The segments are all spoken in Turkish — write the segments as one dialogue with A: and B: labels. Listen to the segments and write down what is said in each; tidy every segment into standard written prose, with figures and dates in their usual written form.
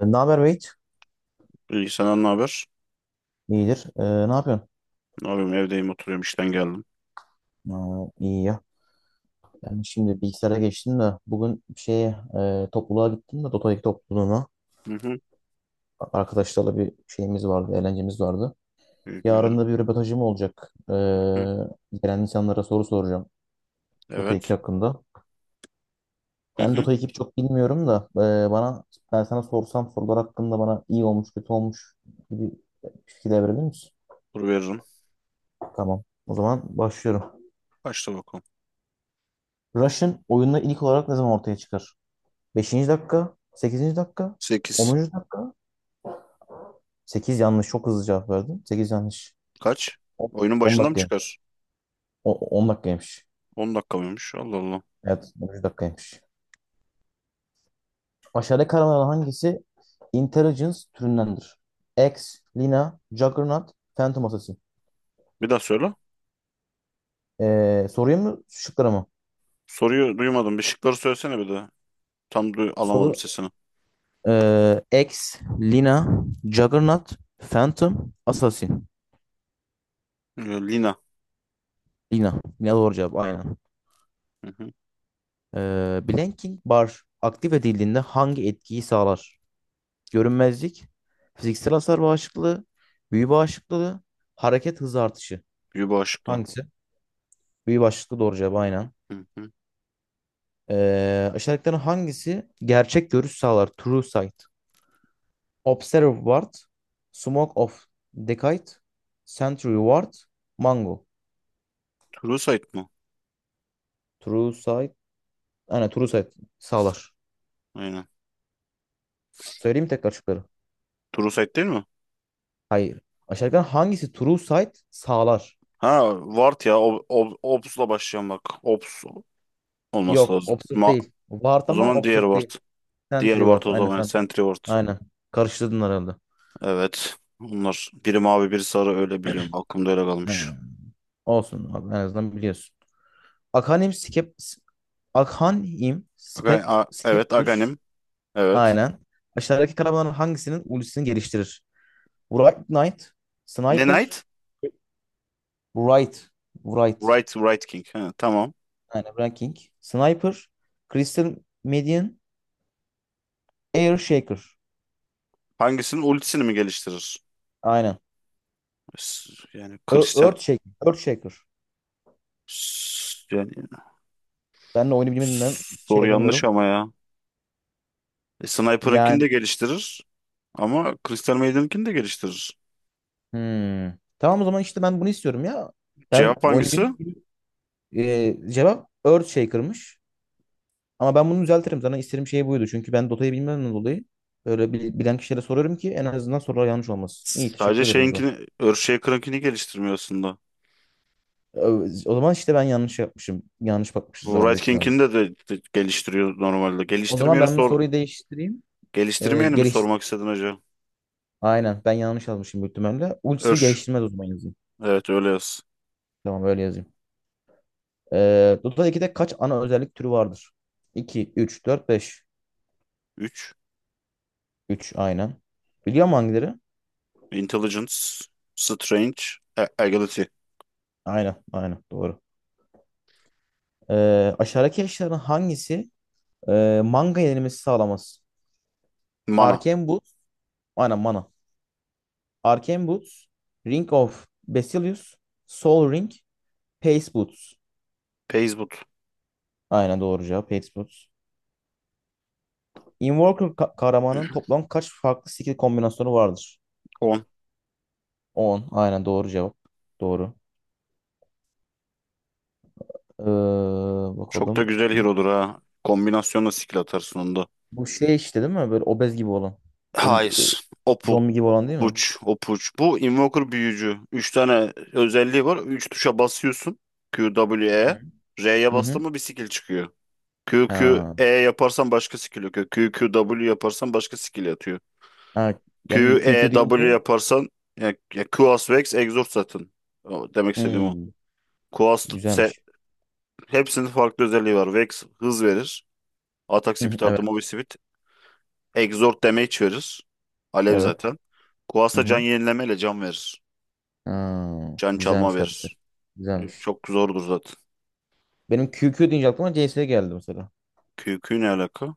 A: Ne haber Beyt?
B: İyi, senden ne haber?
A: İyidir. Ne yapıyorsun?
B: Ne yapayım, evdeyim, oturuyorum, işten geldim.
A: Aa, iyi ya. Ben şimdi bilgisayara geçtim de bugün topluluğa gittim de Dota 2 topluluğuna.
B: Hı hı.
A: Arkadaşlarla bir şeyimiz vardı, eğlencemiz vardı.
B: İyi, güzel.
A: Yarın da bir röportajım olacak.
B: Hı hı.
A: Gelen insanlara soru soracağım Dota 2
B: Evet.
A: hakkında.
B: Hı
A: Ben
B: hı.
A: Dota 2'yi çok bilmiyorum da e, bana ben sana sorsam sorular hakkında bana iyi olmuş, kötü olmuş gibi fikirler verebilir misin?
B: Dur veririm.
A: Tamam. O zaman başlıyorum.
B: Kaçta bakalım?
A: Rush'ın oyunda ilk olarak ne zaman ortaya çıkar? Beşinci dakika, sekizinci dakika,
B: 8.
A: onuncu dakika. 8 yanlış. Çok hızlı cevap verdim. 8 yanlış.
B: Kaç? Oyunun
A: 10
B: başında mı
A: dakikaymış.
B: çıkar?
A: 10 dakikaymış.
B: 10 dakika mıymış? Allah Allah.
A: Evet, onuncu dakikaymış. Aşağıdaki kavramlardan hangisi Intelligence türündendir? X, Lina, Juggernaut, Phantom Assassin.
B: Bir daha söyle.
A: Soruyu mu, şıkları mı?
B: Soruyu duymadım. Bir şıkları söylesene bir de. Alamadım
A: Soru
B: sesini.
A: X, Lina, Juggernaut, Phantom, Assassin.
B: Ee, Lina.
A: Lina. Lina doğru cevap aynen.
B: Hı hı.
A: Blanking Bar aktif edildiğinde hangi etkiyi sağlar? Görünmezlik, fiziksel hasar bağışıklığı, büyü bağışıklığı, hareket hızı artışı.
B: Yuba Aşıklı.
A: Hangisi? Büyü bağışıklığı doğru cevap aynen.
B: Hı hı.
A: Aşağıdakilerin hangisi gerçek görüş sağlar? True sight. Observe ward, smoke of decayed, sentry ward, mango.
B: True Sight mı?
A: True sight. Aynen true sight sağlar.
B: Aynen.
A: Söyleyeyim mi tekrar şıkları?
B: True Sight değil mi?
A: Hayır. Aşağıdakilerin hangisi true sight sağlar?
B: Ha, Vart ya. Obs'la başlayan bak. Obs olması
A: Yok,
B: lazım.
A: obsürt değil. Ward
B: O
A: ama
B: zaman diğer
A: obsürt değil.
B: Vart. Diğer
A: Sentry
B: ward
A: Ward.
B: o
A: Aynen
B: zaman
A: Sentry.
B: Sentry Ward.
A: Aynen. Karıştırdın herhalde.
B: Evet. Onlar biri mavi biri sarı, öyle biliyorum. Aklımda öyle kalmış.
A: Ha, olsun abi en azından biliyorsun. Akhanim Skep Akhanim Spek
B: Evet,
A: Scepter.
B: Aghanim. Evet.
A: Aynen. Aşağıdaki kahramanların hangisinin ultisini geliştirir? Wright Knight,
B: Ne
A: Sniper,
B: Knight?
A: Wright, Wright.
B: Right King. Ha, tamam.
A: Aynen Ranking. Sniper, Crystal Median, Air Shaker.
B: Hangisinin ultisini mi geliştirir?
A: Aynen.
B: Yani kristal.
A: Earth Shaker. Earth Shaker.
B: Yani
A: Ben de oyunu bilmediğimden şey
B: soru yanlış
A: yapamıyorum.
B: ama ya. E, Sniper'ınkini
A: Yani.
B: de geliştirir ama Crystal Maiden'ınkini de geliştirir.
A: Hmm. Tamam o zaman işte ben bunu istiyorum ya. Ben
B: Cevap hangisi?
A: oynayabildiğim gibi cevap Earthshaker'mış. Ama ben bunu düzeltirim. Zaten istediğim şey buydu. Çünkü ben Dota'yı bilmemden dolayı böyle bilen kişilere soruyorum ki en azından sorular yanlış olmasın. İyi,
B: Sadece
A: teşekkür ederim o zaman.
B: şeyinkini, Earthshaker'ınkini geliştirmiyor aslında.
A: O zaman işte ben yanlış yapmışım. Yanlış bakmışız o
B: Bu
A: zaman
B: Wright
A: büyük ihtimalle.
B: King'ini de geliştiriyor normalde.
A: O zaman
B: Geliştirmeyeni
A: ben bu
B: sor.
A: soruyu değiştireyim.
B: Geliştirmeyeni mi
A: Geliş...
B: sormak istedin hocam?
A: Aynen ben yanlış yazmışım büyük ihtimalle. Ultisini
B: Ür.
A: geliştirmez o zaman yazayım.
B: Evet, öyle yaz.
A: Tamam öyle yazayım. Dota 2'de kaç ana özellik türü vardır? İki üç, dört, beş.
B: Üç.
A: Üç, aynen. Biliyor musun hangileri?
B: Intelligence. Strange. Agility.
A: Aynen, aynen doğru. Aşağıdaki eşyaların hangisi manga yenilmesi sağlamaz?
B: Mana.
A: Arcane Boots. Aynen mana. Arcane Boots. Ring of Basilius. Soul Ring. Pace Boots.
B: Pace Boot.
A: Aynen doğru cevap. Pace Boots. Invoker kahramanın toplam kaç farklı skill kombinasyonu vardır?
B: On.
A: On, aynen doğru cevap. Doğru. Ee,
B: Çok da
A: bakalım.
B: güzel hero'dur ha. Kombinasyonla skill atarsın onda.
A: Bu şey işte değil mi? Böyle obez gibi olan. Ölüm, ö-
B: Hayır. Opal.
A: zombi gibi olan değil mi?
B: Puç. Opuç. Bu Invoker büyücü. 3 tane özelliği var. 3 tuşa basıyorsun. Q, W,
A: Hı
B: E.
A: hı.
B: R'ye
A: Hı
B: bastın
A: hı.
B: mı bir skill çıkıyor. Q, Q,
A: Ha.
B: E yaparsan başka skill yok. Q, Q, W yaparsan başka skill atıyor.
A: Ha, benim
B: Q, E,
A: QQ
B: W
A: deyince.
B: yaparsan Quas, Vex, Exhaust zaten. O, demek istediğim o.
A: Hmm,
B: Quas, se,
A: güzelmiş.
B: hepsinin farklı özelliği var. Vex hız verir. Atak
A: Hı hı,
B: speed artı movie
A: evet.
B: speed. Exhaust damage verir. Alev
A: Evet.
B: zaten. Quas
A: Hı
B: da can
A: hı.
B: yenilemeyle can verir.
A: Ha,
B: Can çalma
A: güzelmiş karakter.
B: verir.
A: Güzelmiş.
B: Çok zordur zaten.
A: Benim QQ deyince aklıma CS geldi mesela.
B: Q, Q ne alaka?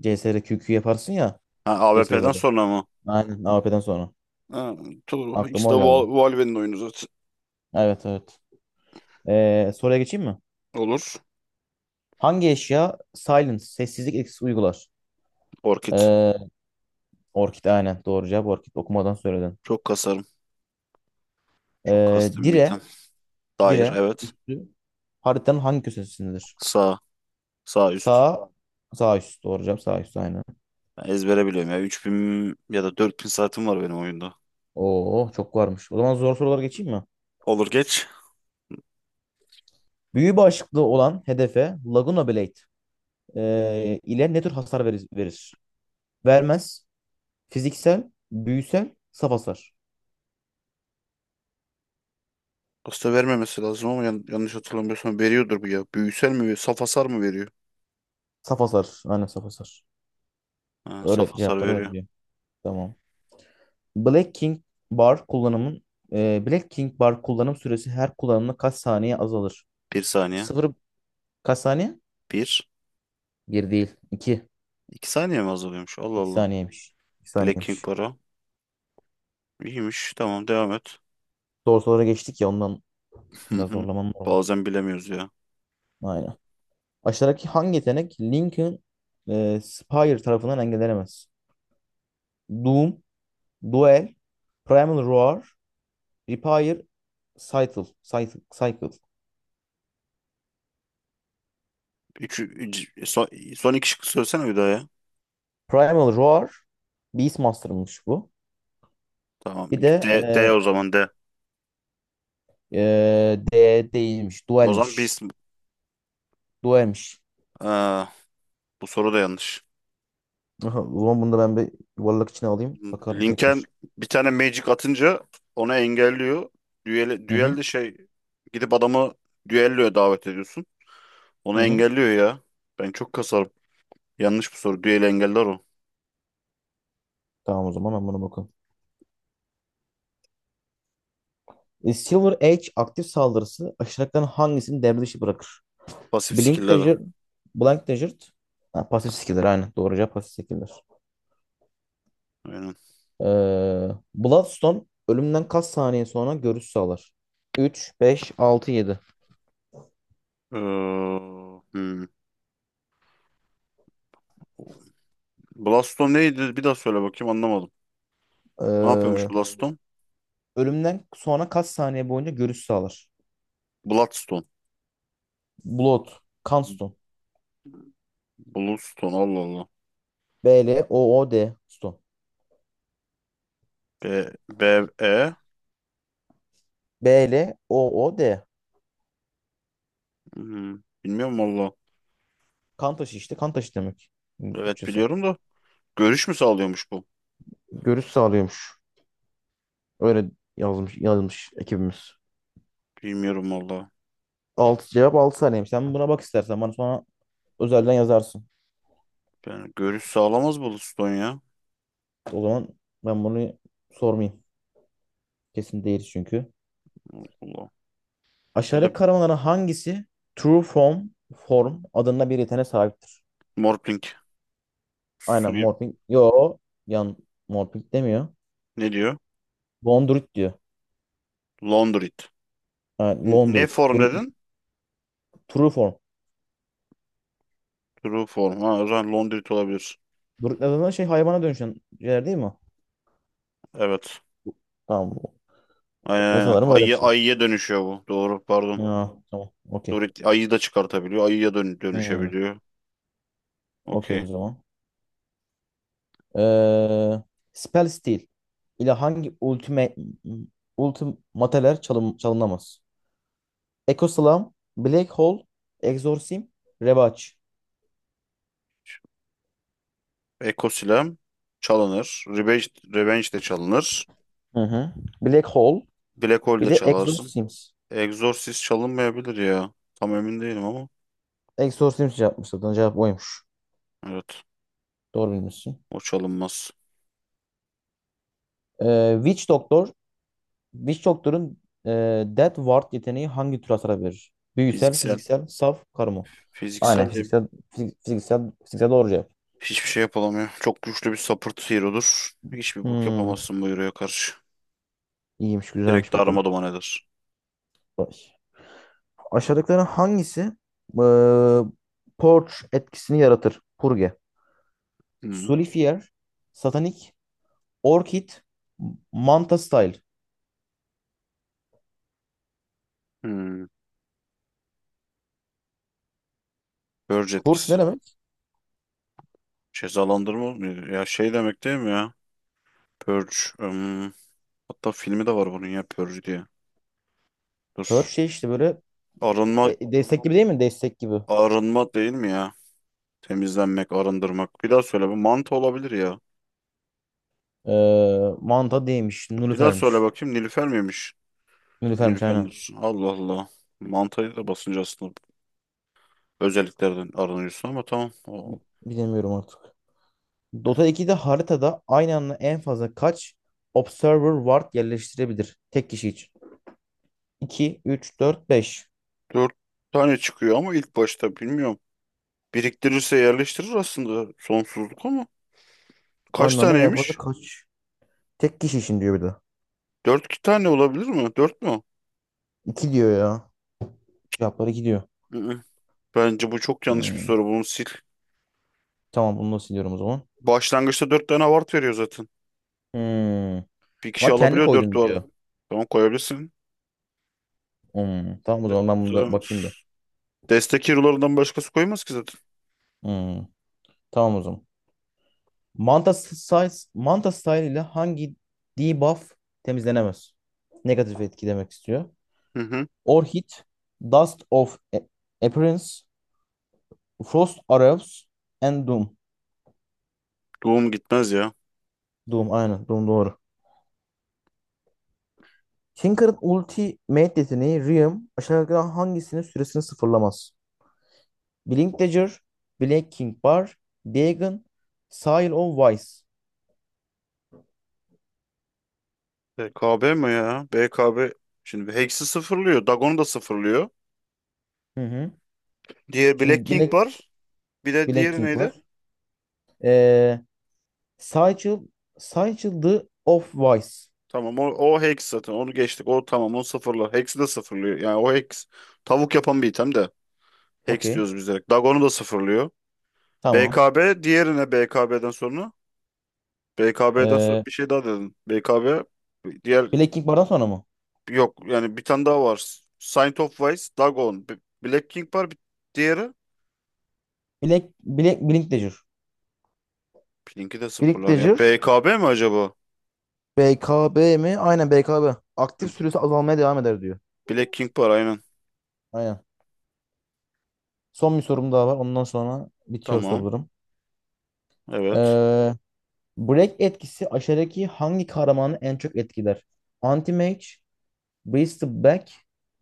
A: CS'de QQ yaparsın ya,
B: Ha, AWP'den
A: CS:GO'da.
B: sonra mı?
A: Aynen, AWP'den sonra.
B: Ha, ikisi
A: Aklıma
B: de
A: o geldi.
B: Valve'nin oyunu zaten.
A: Evet, evet. Soruya geçeyim mi?
B: Olur.
A: Hangi eşya silence, sessizlik etkisi uygular?
B: Orkid.
A: Ee, orkid, aynen doğru cevap. Orkid, okumadan söyledin.
B: Çok kasarım. Çok
A: Ee,
B: kastım bir
A: dire,
B: item. Dair,
A: dire
B: evet.
A: üstü haritanın hangi köşesindedir?
B: Sağ. Sağ üst.
A: Sağ. Sağ üst. Doğru cevap sağ üst aynen.
B: Ben ezbere biliyorum ya. 3.000 ya da 4.000 saatim var benim oyunda.
A: Oo, çok varmış. O zaman zor sorulara geçeyim mi?
B: Olur, geç.
A: Büyü başlıklı olan hedefe Laguna Blade ile ne tür hasar verir? Vermez. Fiziksel, büyüsel, saf hasar.
B: Aslında vermemesi lazım ama yanlış hatırlamıyorsam veriyordur bu ya. Büyüsel mi veriyor? Saf hasar mı veriyor?
A: Saf hasar. Aynen saf hasar.
B: Ha, saf
A: Öyle
B: hasar
A: cevapları öyle
B: veriyor.
A: diyor. Tamam. Black King Bar kullanımın Black King Bar kullanım süresi her kullanımda kaç saniye azalır?
B: Bir saniye.
A: Sıfır kaç saniye?
B: Bir.
A: Bir değil. İki.
B: İki saniye mi azalıyormuş? Allah
A: İki
B: Allah.
A: saniyeymiş. İki
B: Black King
A: saniyeymiş.
B: para. İyiymiş. Tamam, devam et.
A: Doğru sorulara geçtik ya ondan.
B: Hı
A: Biraz
B: hı.
A: zorlaman normal.
B: Bazen bilemiyoruz ya.
A: Aynen. Aşağıdaki hangi yetenek Lincoln Spire tarafından engellenemez? Doom, Duel, Primal Roar, Repair, Cycle. Cycle. Cycle.
B: Üç, üç- son, Son iki şıkkı söylesene bir daha ya.
A: Primal Roar, Beastmaster'mış bu. Bir
B: Tamam.
A: de
B: D.
A: e, D değilmiş,
B: O zaman
A: Duel'miş.
B: biz...
A: Duel'miş.
B: Bu soru da yanlış.
A: Aha, o zaman bunu da ben bir yuvarlak içine alayım. Bakarım
B: Lincoln
A: tekrar.
B: bir tane magic atınca onu engelliyor.
A: Hı
B: Düel
A: hı.
B: de şey, gidip adamı düelloya davet ediyorsun.
A: Hı
B: Onu
A: hı.
B: engelliyor ya. Ben çok kasarım. Yanlış bu soru. Düeli engeller o.
A: Tamam o zaman ben buna bakalım. Silver Edge aktif saldırısı aşağıdakilerin hangisini devre dışı bırakır?
B: Pasif
A: Blink
B: skill'leri.
A: Desert, Blank Desert. Ha, pasif skiller aynen. Doğruca pasif skiller.
B: Aynen.
A: Ee, Bloodstone ölümden kaç saniye sonra görüş sağlar? 3, 5, 6, 7.
B: Ee, hmm. Bloodstone neydi? Bir daha söyle bakayım, anlamadım. Ne yapıyormuş
A: Ee,
B: Bloodstone?
A: ölümden sonra kaç saniye boyunca görüş sağlar?
B: Bloodstone.
A: Blood, kan stone.
B: Bloodstone, Allah Allah.
A: B L O O D stone.
B: E.
A: B L O O D,
B: Hmm, bilmiyorum valla.
A: kan taşı işte. Kan taşı demek.
B: Evet,
A: Türkçesi.
B: biliyorum da. Görüş mü sağlıyormuş bu?
A: Görüş sağlıyormuş. Öyle yazmış ekibimiz.
B: Bilmiyorum valla.
A: 6 cevap 6 saniyeymiş. Sen buna bak istersen. Bana sonra özelden yazarsın.
B: Yani görüş sağlamaz bu Liston ya.
A: O zaman ben bunu sormayayım. Kesin değil çünkü.
B: Allah Allah. Ya da
A: Aşağıdaki karavanların hangisi True Form adında bir yeteneğe sahiptir?
B: Morphling. Su
A: Aynen Morphing. Yo, yan Morphing demiyor.
B: ne diyor?
A: Londrit diyor.
B: Laundrit.
A: Yani
B: Ne
A: Londrit.
B: form
A: Dur-
B: dedin?
A: True Form.
B: True form. Ha, o zaman Laundrit olabilir.
A: Druid adında şey hayvana dönüşen şeyler değil mi?
B: Evet.
A: Tamam.
B: Aynen
A: Ve
B: aynen.
A: sanırım öyle bir şey.
B: Ayıya dönüşüyor bu. Doğru, pardon.
A: Ha, tamam. Okey.
B: Dorit ayıyı da çıkartabiliyor. Ayıya
A: Hmm,
B: dönüşebiliyor.
A: okey o
B: Okey.
A: zaman. Ee, Spell Steel ile hangi ultimateler çalınamaz? Ecoslam, Black Hole, Exorcism, Rebaç.
B: Ekosilem çalınır. Revenge de çalınır.
A: Hı hı. Black Hole,
B: Black Hole
A: bir
B: de
A: de
B: çalarsın.
A: Exorcisms.
B: Exorcist çalınmayabilir ya. Tam emin değilim ama.
A: Exorcisms yapmış zaten. Cevap oymuş.
B: Evet.
A: Doğru bilmişsin.
B: O çalınmaz.
A: Ee, Witch Doctor, Witch Doctor'un e, Death Ward yeteneği hangi tür hasar verir? Büyüsel,
B: Fiziksel.
A: fiziksel, saf, karma. Aynen
B: Fiziksel de
A: fiziksel, fiziksel doğru cevap.
B: Hiçbir şey yapılamıyor. Çok güçlü bir support hero'dur. Hiçbir bok
A: Hmm,
B: yapamazsın bu hero'ya karşı.
A: iyiymiş,
B: Direkt
A: güzelmiş bu
B: darma
A: konu.
B: duman eder.
A: Vay. Aşağıdakilerin hangisi e, Purge etkisini yaratır? Purge.
B: Hmm.
A: Sullifier, Satanik, Orchid Manta Style.
B: Hmm. Purge
A: Kurş
B: etkisi.
A: ne demek?
B: Cezalandırma mı? Ya şey demek değil mi ya? Purge. Hmm. Hatta filmi de var bunun ya, Purge diye.
A: Her
B: Dur.
A: şey işte böyle
B: Arınma,
A: destek gibi değil mi? Destek gibi.
B: Arınma değil mi ya? Temizlenmek, arındırmak. Bir daha söyle. Bu mantı olabilir ya.
A: Manta değilmiş.
B: Bir daha söyle
A: Nülüfermiş.
B: bakayım. Nilüfer miymiş?
A: Nülüfermiş aynen.
B: Nilüfer'dir. Allah Allah. Mantayı da basınca aslında özelliklerden aranıyorsun ama tamam. O
A: Bilemiyorum artık. Dota 2'de haritada aynı anda en fazla kaç Observer Ward yerleştirebilir? Tek kişi için. 2, 3, 4, 5.
B: dört tane çıkıyor ama ilk başta bilmiyorum. Biriktirirse yerleştirir aslında sonsuzluk ama. Kaç
A: Aynı anda en fazla
B: taneymiş?
A: kaç? Tek kişi için diyor bir de.
B: İki tane olabilir mi? Dört mü?
A: 2 diyor ya. Cevapları 2 diyor.
B: Hı-hı. Bence bu çok yanlış bir
A: Hmm.
B: soru. Bunu sil.
A: Tamam bunu da siliyorum o zaman.
B: Başlangıçta dört tane ward veriyor zaten.
A: Hmm.
B: Bir kişi
A: Ama kendi
B: alabiliyor, dört
A: koydun
B: vardı.
A: diyor.
B: Tamam, koyabilirsin.
A: Tamam o zaman ben bunu da
B: Zaten
A: bakayım bir.
B: destek hero'larından başkası koymaz ki zaten.
A: Hmm, tamam o zaman. Manta style ile hangi debuff temizlenemez? Negatif etki demek istiyor.
B: Hı-hı.
A: Orchid, Dust of Appearance, Frost Arrows and Doom.
B: Doğum gitmez ya.
A: Doom aynen, Doom doğru. Tinker'ın ultimate yeteneği Riem aşağıdakilerden hangisinin süresini sıfırlamaz? Blink Dagger, Black King Bar, Dagon, Seal of Wise.
B: B K B mi ya? B K B şimdi Hex'i sıfırlıyor. Dagon'u da sıfırlıyor.
A: Hı hı.
B: Diğer Black
A: Şimdi
B: King var. Bir de
A: Black
B: diğeri
A: King
B: neydi?
A: var. Ee, Sigil, Sigil the of Vice.
B: Tamam, o hex zaten, onu geçtik. O tamam, onu sıfırla. Hex'i de sıfırlıyor. Yani o hex tavuk yapan bir item de. Hex
A: Okey.
B: diyoruz biz direkt. Dagon'u da sıfırlıyor.
A: Tamam.
B: BKB diğerine, BKB'den sonra. BKB'den sonra
A: Ee,
B: bir şey daha dedin. BKB diğer
A: Black King Bar'dan sonra mı?
B: Yok yani, bir tane daha var. Saint of Wise, Black King var bir diğeri.
A: Blink Dagger.
B: Pinki de
A: Blink
B: sıfırlar ya.
A: Dagger.
B: BKB mi acaba?
A: BKB mi? Aynen BKB. Aktif süresi azalmaya devam eder diyor.
B: Black King var aynen.
A: Aynen. Son bir sorum daha var. Ondan sonra bitiyor
B: Tamam.
A: sorularım.
B: Evet.
A: Ee, Break etkisi aşağıdaki hangi kahramanı en çok etkiler? Anti-Mage, Priest of Black,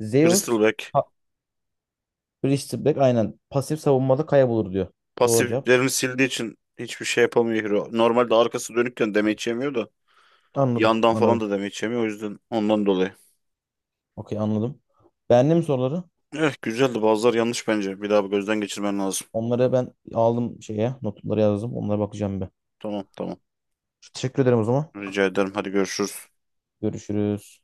A: Zeus,
B: Bristleback.
A: ha, Priest of Black aynen. Pasif savunmada kaybolur diyor. Doğru cevap.
B: Pasiflerini sildiği için hiçbir şey yapamıyor Hero. Normalde arkası dönükken damage yemiyor da
A: Anladım,
B: yandan falan
A: anladım.
B: da damage yemiyor, o yüzden ondan dolayı.
A: Okey anladım. Beğendin mi soruları?
B: Eh, güzeldi, bazıları yanlış bence. Bir daha bir gözden geçirmen lazım.
A: Onları ben aldım şeye. Notları yazdım. Onlara bakacağım bir.
B: Tamam tamam.
A: Teşekkür ederim o zaman.
B: Rica ederim. Hadi görüşürüz.
A: Görüşürüz.